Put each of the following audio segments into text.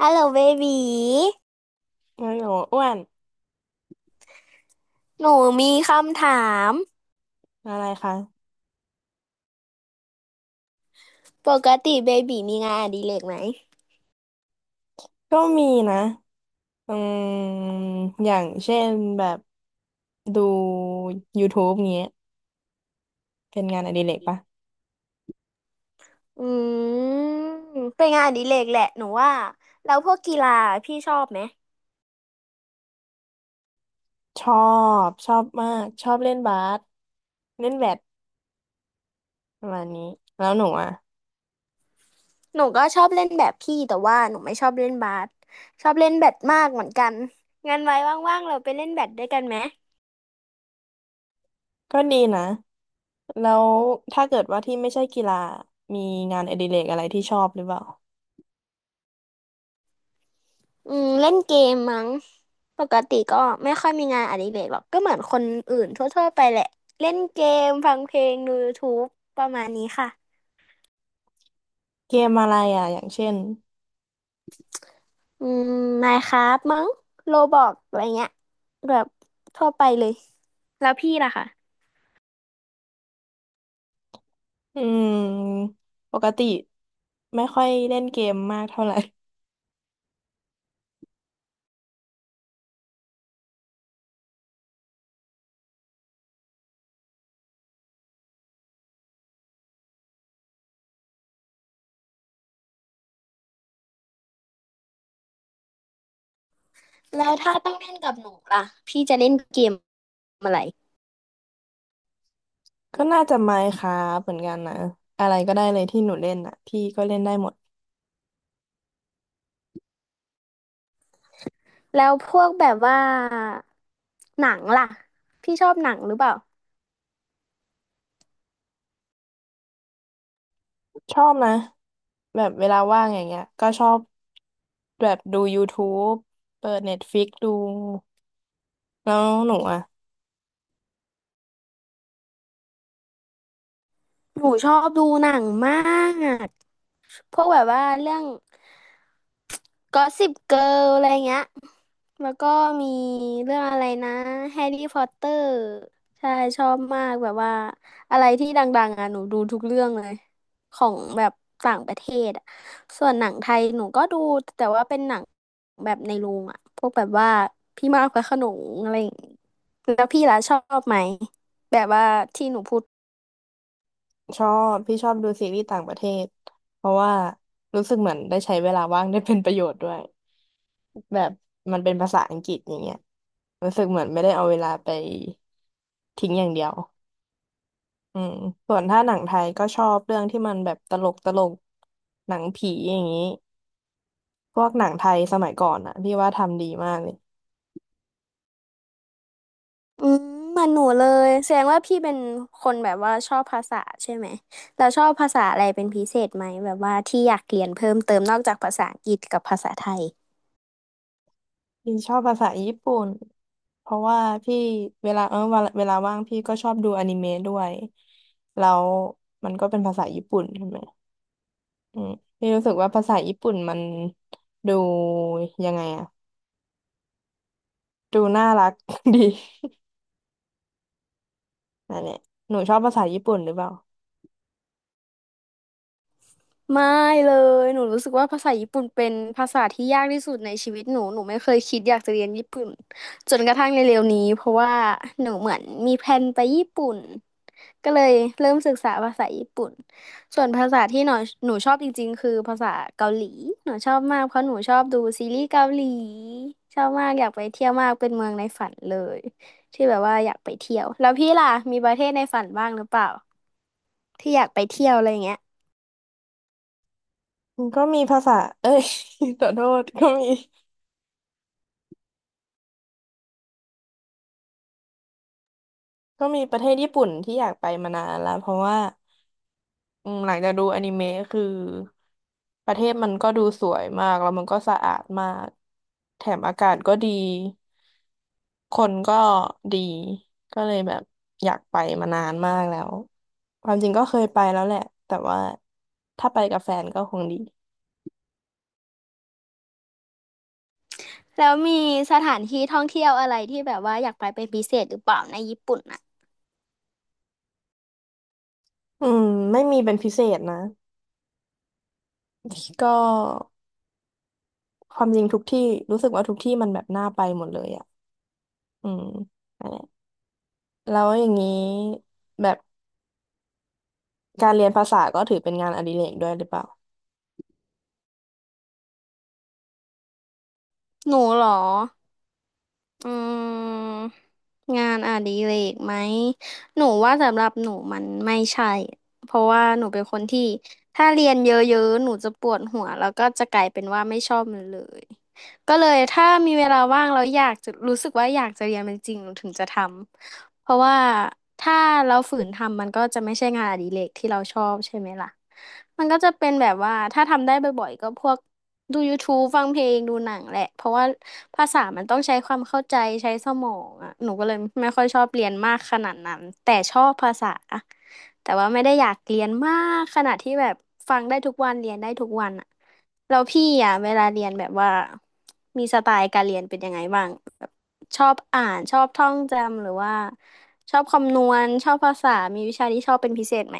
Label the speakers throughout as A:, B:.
A: ฮัลโหลเบบี
B: โอ้โหอ้วน
A: หนูมีคำถาม
B: อะไรคะ
A: ปกติเบบีมีงานอดิเรกไหม
B: ก็มีนะอืมอย่างเช่นแบบดู YouTube เงี้ยเป็นงานอดิเรกปะ
A: อืเป็นงานอดิเรกแหละหนูว่าแล้วพวกกีฬาพี่ชอบไหม
B: ชอบชอบมากชอบเล่นบาสเล่นแบดประมาณนี้แล้วหนูอ่ะ
A: หนูก็ชอบเล่นแบบพี่แต่ว่าหนูไม่ชอบเล่นบาสชอบเล่นแบดมากเหมือนกันงั้นไว้ว่างๆเราไปเล่นแบดด้วยกันไหม
B: ก็ดีนะแล้วถ้าเกิดว่าที่ไม่ใช่กีฬามีงานอดิเรกอะไรที่ชอบหรือเปล่า
A: เล่นเกมมั้งปกติก็ไม่ค่อยมีงานอดิเรกหรอกก็เหมือนคนอื่นทั่วๆไปแหละเล่นเกมฟังเพลงดู y ู u e ประมาณนี้ค่ะ
B: เกมอะไรอ่ะอย่างเช่น
A: อืมไมน์คราฟมั้งโลบอกอะไรเงี้ยแบบทั่วไปเลยแล้วพี่ล่ะคะ
B: อืมปกติไม่ค่อยเล่นเกมมากเท่าไหร่
A: แล้วถ้าต้องเล่นกับหนูล่ะพี่จะเล่นเกมอะไร
B: ก็น่าจะไมน์ครัเหมือนกันนะอะไรก็ได้เลยที่หนูเล่นอ่ะพี่ก็เล่นได้หมด
A: แล้วพวกแบบว่าหนังล่ะพี่ชอบหนังหรือเปล่า
B: ชอบนะแบบเวลาว่างอย่างเงี้ยก็ชอบแบบดูยูทู u e เปิด Netflix ดูแล้วหนูอ่ะ
A: หนูชอบดูหนังมาก พวกแบบว่าเรื่องกอสซิปเกิร์ลอะไรเงี้ยแล้วก็มีเรื่องอะไรนะแฮร์รี่พอตเตอร์ใช่ชอบมากแบบว่าอะไรที่ดังๆอ่ะหนูดูทุกเรื่องเลยของแบบต่างประเทศอ่ะส่วนหนังไทยหนูก็ดูแต่ว่าเป็นหนังแบบในโรงอ่ะพวกแบบว่าพี่มากพระโขนงอะไรอย่างงี้แล้วพี่ล่ะชอบไหมแบบว่าที่หนูพูด
B: ชอบพี่ชอบดูซีรีส์ต่างประเทศเพราะว่ารู้สึกเหมือนได้ใช้เวลาว่างได้เป็นประโยชน์ด้วยแบบมันเป็นภาษาอังกฤษอย่างเงี้ยรู้สึกเหมือนไม่ได้เอาเวลาไปทิ้งอย่างเดียว อืมส่วนถ้าหนังไทยก็ชอบเรื่องที่มันแบบตลกตลกหนังผีอย่างนี้พวกหนังไทยสมัยก่อนอะพี่ว่าทำดีมากเลย
A: อืมเหมือนหนูเลยแสดงว่าพี่เป็นคนแบบว่าชอบภาษาใช่ไหมแล้วชอบภาษาอะไรเป็นพิเศษไหมแบบว่าที่อยากเรียนเพิ่มเติมนอกจากภาษาอังกฤษกับภาษาไทย
B: พี่ชอบภาษาญี่ปุ่นเพราะว่าพี่เวลาเวลาว่างพี่ก็ชอบดูอนิเมะด้วยแล้วมันก็เป็นภาษาญี่ปุ่นใช่ไหมอืมพี่รู้สึกว่าภาษาญี่ปุ่นมันดูยังไงอะดูน่ารัก ดีนั่นแหละหนูชอบภาษาญี่ปุ่นหรือเปล่า
A: ไม่เลยหนูรู้สึกว่าภาษาญี่ปุ่นเป็นภาษาที่ยากที่สุดในชีวิตหนูหนูไม่เคยคิดอยากจะเรียนญี่ปุ่นจนกระทั่งในเร็วนี้เพราะว่าหนูเหมือนมีแพลนไปญี่ปุ่นก็เลยเริ่มศึกษาภาษาญี่ปุ่นส่วนภาษาที่หนูหนูชอบจริงๆคือภาษาเกาหลีหนูชอบมากเพราะหนูชอบดูซีรีส์เกาหลีชอบมากอยากไปเที่ยวมากเป็นเมืองในฝันเลยที่แบบว่าอยากไปเที่ยวแล้วพี่ล่ะมีประเทศในฝันบ้างหรือเปล่าที่อยากไปเที่ยวอะไรเงี้ย
B: ก็มีภาษาเอ้ย ขอโทษก็มี ก็มีประเทศญี่ปุ่นที่อยากไปมานานแล้วเพราะว่าหลังจากดูอนิเมะคือประเทศมันก็ดูสวยมากแล้วมันก็สะอาดมากแถมอากาศก็ดีคนก็ดีก็เลยแบบอยากไปมานานมากแล้วความจริงก็เคยไปแล้วแหละแต่ว่าถ้าไปกับแฟนก็คงดี
A: แล้วมีสถานที่ท่องเที่ยวอะไรที่แบบว่าอยากไปเป็นพิเศษหรือเปล่าในญี่ปุ่นน่ะ
B: อืมไม่มีเป็นพิเศษนะก็ความจริงทุกที่รู้สึกว่าทุกที่มันแบบน่าไปหมดเลยอ่ะอืม แล้วอย่างนี้แบบการเรียนภาษาก็ถือเป็นงานอดิเรกด้วยหรือเปล่า
A: หนูเหรออืมงานอดิเรกไหมหนูว่าสำหรับหนูมันไม่ใช่เพราะว่าหนูเป็นคนที่ถ้าเรียนเยอะๆหนูจะปวดหัวแล้วก็จะกลายเป็นว่าไม่ชอบมันเลยก็เลยถ้ามีเวลาว่างแล้วอยากจะรู้สึกว่าอยากจะเรียนมันจริงหนูถึงจะทำ เพราะว่าถ้าเราฝืนทำมันก็จะไม่ใช่งานอดิเรกที่เราชอบใช่ไหมล่ะมันก็จะเป็นแบบว่าถ้าทำได้บ่อยๆก็พวกดูยูทูบฟังเพลงดูหนังแหละเพราะว่าภาษามันต้องใช้ความเข้าใจใช้สมองอ่ะหนูก็เลยไม่ค่อยชอบเรียนมากขนาดนั้นแต่ชอบภาษาแต่ว่าไม่ได้อยากเรียนมากขนาดที่แบบฟังได้ทุกวันเรียนได้ทุกวันอ่ะแล้วพี่อ่ะเวลาเรียนแบบว่ามีสไตล์การเรียนเป็นยังไงบ้าง ชอบอ่านชอบท่องจำหรือว่าชอบคำนวณชอบภาษามีวิชาที่ชอบเป็นพิเศษไหม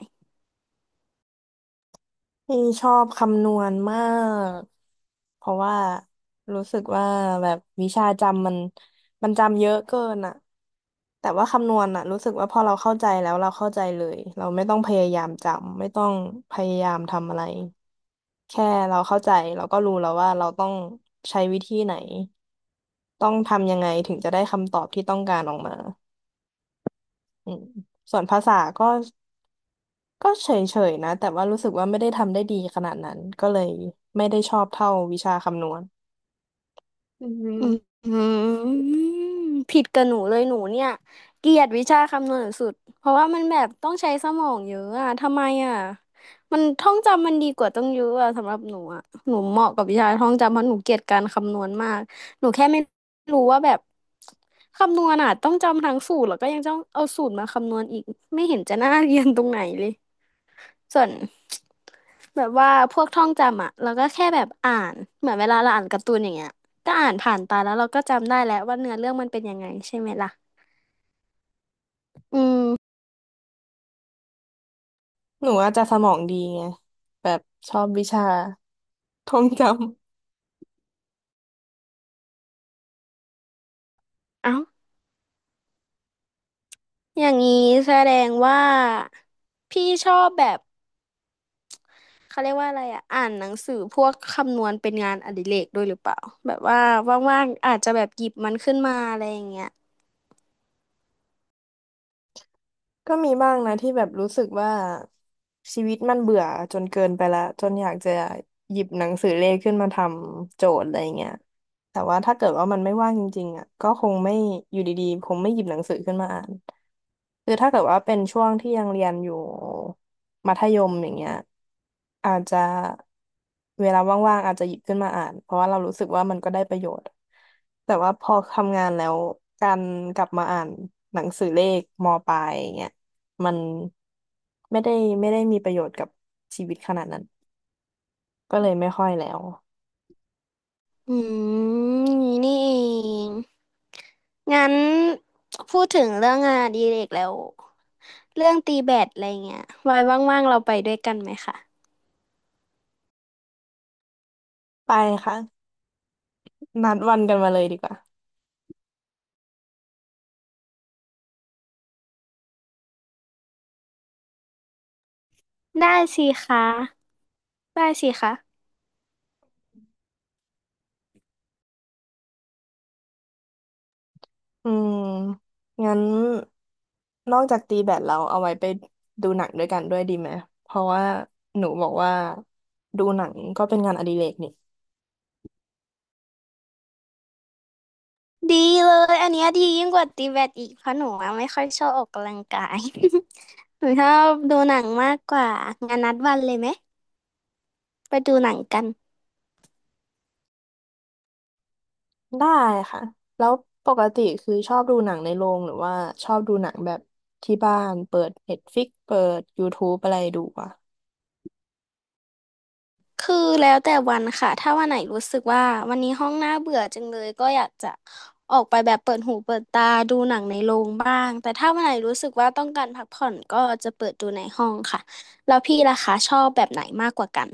B: นี่ชอบคำนวณมากเพราะว่ารู้สึกว่าแบบวิชาจำมันจำเยอะเกินอะแต่ว่าคำนวณอะรู้สึกว่าพอเราเข้าใจแล้วเราเข้าใจเลยเราไม่ต้องพยายามจำไม่ต้องพยายามทำอะไรแค่เราเข้าใจเราก็รู้แล้วว่าเราต้องใช้วิธีไหนต้องทำยังไงถึงจะได้คำตอบที่ต้องการออกมา อืมส่วนภาษาก็เฉยๆนะแต่ว่ารู้สึกว่าไม่ได้ทำได้ดีขนาดนั้นก็เลยไม่ได้ชอบเท่าวิชาคำนวณอืม
A: อืมผิดกับหนูเลยหนูเนี่ยเกลียดวิชาคำนวณสุดเพราะว่ามันแบบต้องใช้สมองเยอะอะทำไมอะมันท่องจำมันดีกว่าต้องเยอะอะสำหรับหนูอะหนูเหมาะกับวิชาท่องจำเพราะหนูเกลียดการคำนวณมากหนูแค่ไม่รู้ว่าแบบคำนวณอะต้องจำทั้งสูตรแล้วก็ยังต้องเอาสูตรมาคำนวณอีกไม่เห็นจะน่าเรียนตรงไหนเลย ส่วน แบบว่าพวกท่องจำอ่ะเราก็แค่แบบอ่านเหมือนเวลาเราอ่านการ์ตูนอย่างเงี้ยก็อ่านผ่านตาแล้วเราก็จำได้แล้วว่าเนื้อเรื่องมันเป็นยังไงใช่ไหมล่ะอืม
B: หนูอาจจะสมองดีไงแบบชอบวิชาท่องจ
A: เอ้าอย่างนี้แสดงว่าพี่ชอบแบบเขาเรียกว่าอะไรอ่ะอ่านหนังสือพวกคำนวณเป็นงานอดิเรกด้วยหรือเปล่าแบบว่าว่างๆอาจจะแบบหยิบมันขึ้นมาอะไรอย่างเงี้ย
B: ก็มีบ้างนะที่แบบรู้สึกว่าชีวิตมันเบื่อจนเกินไปละจนอยากจะหยิบหนังสือเลขขึ้นมาทำโจทย์อะไรเงี้ยแต่ว่าถ้าเกิดว่ามันไม่ว่างจริงๆอ่ะก็คงไม่อยู่ดีๆคงไม่หยิบหนังสือขึ้นมาอ่านคือถ้าเกิดว่าเป็นช่วงที่ยังเรียนอยู่มัธยมอย่างเงี้ยอาจจะเวลาว่างๆอาจจะหยิบขึ้นมาอ่านเพราะว่าเรารู้สึกว่ามันก็ได้ประโยชน์แต่ว่าพอทำงานแล้วการกลับมาอ่านหนังสือเลขมปลายอย่างเงี้ย มันไม่ได้ไม่ได้มีประโยชน์กับชีวิตขนาดนั้นก็เลยไม่ค่อยแล้ว
A: อือย่างนี้นี่เองงั้นพูดถึงเรื่องงานอดิเรกแล้ว เรื่องตีแบดอะไรเงี้ยไว้ว่างๆเราไปด้วยกันไหมคะ
B: ไปค่ะนัดวันกันมาเลยดีกว่า
A: ได้สิคะได้สิคะ
B: อืมงั้นนอกจากตีแบดเราเอาไว้ไปดูหนังด้วยกันด้วยดีไหมเพราะว่าหนูบอกว่าดูหนังก็เป็นงานอดิเรกนี่
A: ดีเลยอันเนี้ยดียิ่งกว่าตีแบดอีกเพราะหนูอะไม่ค่อยชอบออกกำลังกาย หนูชอบดูหนังมากกว่างานนัดวันเลยไหมไปดูหนังกัน
B: ได้ค่ะแล้วปกติคือชอบดูหนังในโรงหรือว่าชอบดูหนังแบบที่บ้านเปิด Netflix เปิด YouTube อะไรดูอ่ะ
A: คือแล้วแต่วันค่ะ ถ้าวันไหนรู้สึกว่าวันนี้ห้องน่าเบื่อจังเลยก็อยากจะออกไปแบบเปิดหูเปิดตาดูหนังในโรงบ้าง แต่ถ้าวันไหนรู้สึกว่าต้องการพักผ่อนก็จะเปิดดูในห้องค่ะแล้วพี่ล่ะคะชอบแบบไหนมากกว่ากัน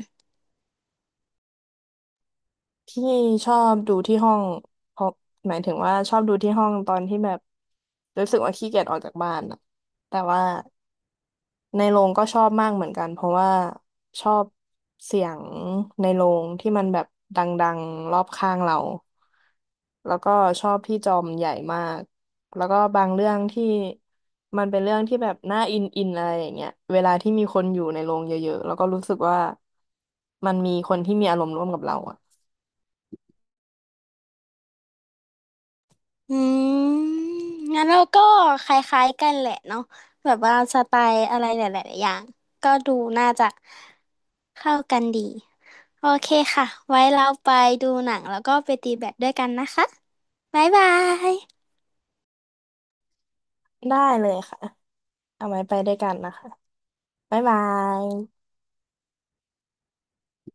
B: ที่ชอบดูที่ห้องเพราะหมายถึงว่าชอบดูที่ห้องตอนที่แบบรู้สึกว่าขี้เกียจออกจากบ้านอะแต่ว่าในโรงก็ชอบมากเหมือนกันเพราะว่าชอบเสียงในโรงที่มันแบบดังๆรอบข้างเราแล้วก็ชอบที่จอมใหญ่มากแล้วก็บางเรื่องที่มันเป็นเรื่องที่แบบน่าอินอินอะไรอย่างเงี้ยเวลาที่มีคนอยู่ในโรงเยอะๆแล้วก็รู้สึกว่ามันมีคนที่มีอารมณ์ร่วมกับเราอะ
A: อืมงั้นเราก็คล้ายๆกันแหละเนาะแบบว่าสไตล์อะไรหลายๆอย่างก็ดูน่าจะเข้ากันดีโอเคค่ะไว้เราไปดูหนังแล้วก็ไปตีแบดด้วยกันนะคะบ๊ายบาย
B: ได้เลยค่ะ เอาไว้ไปด้วยกันนะคะ บ๊ายบาย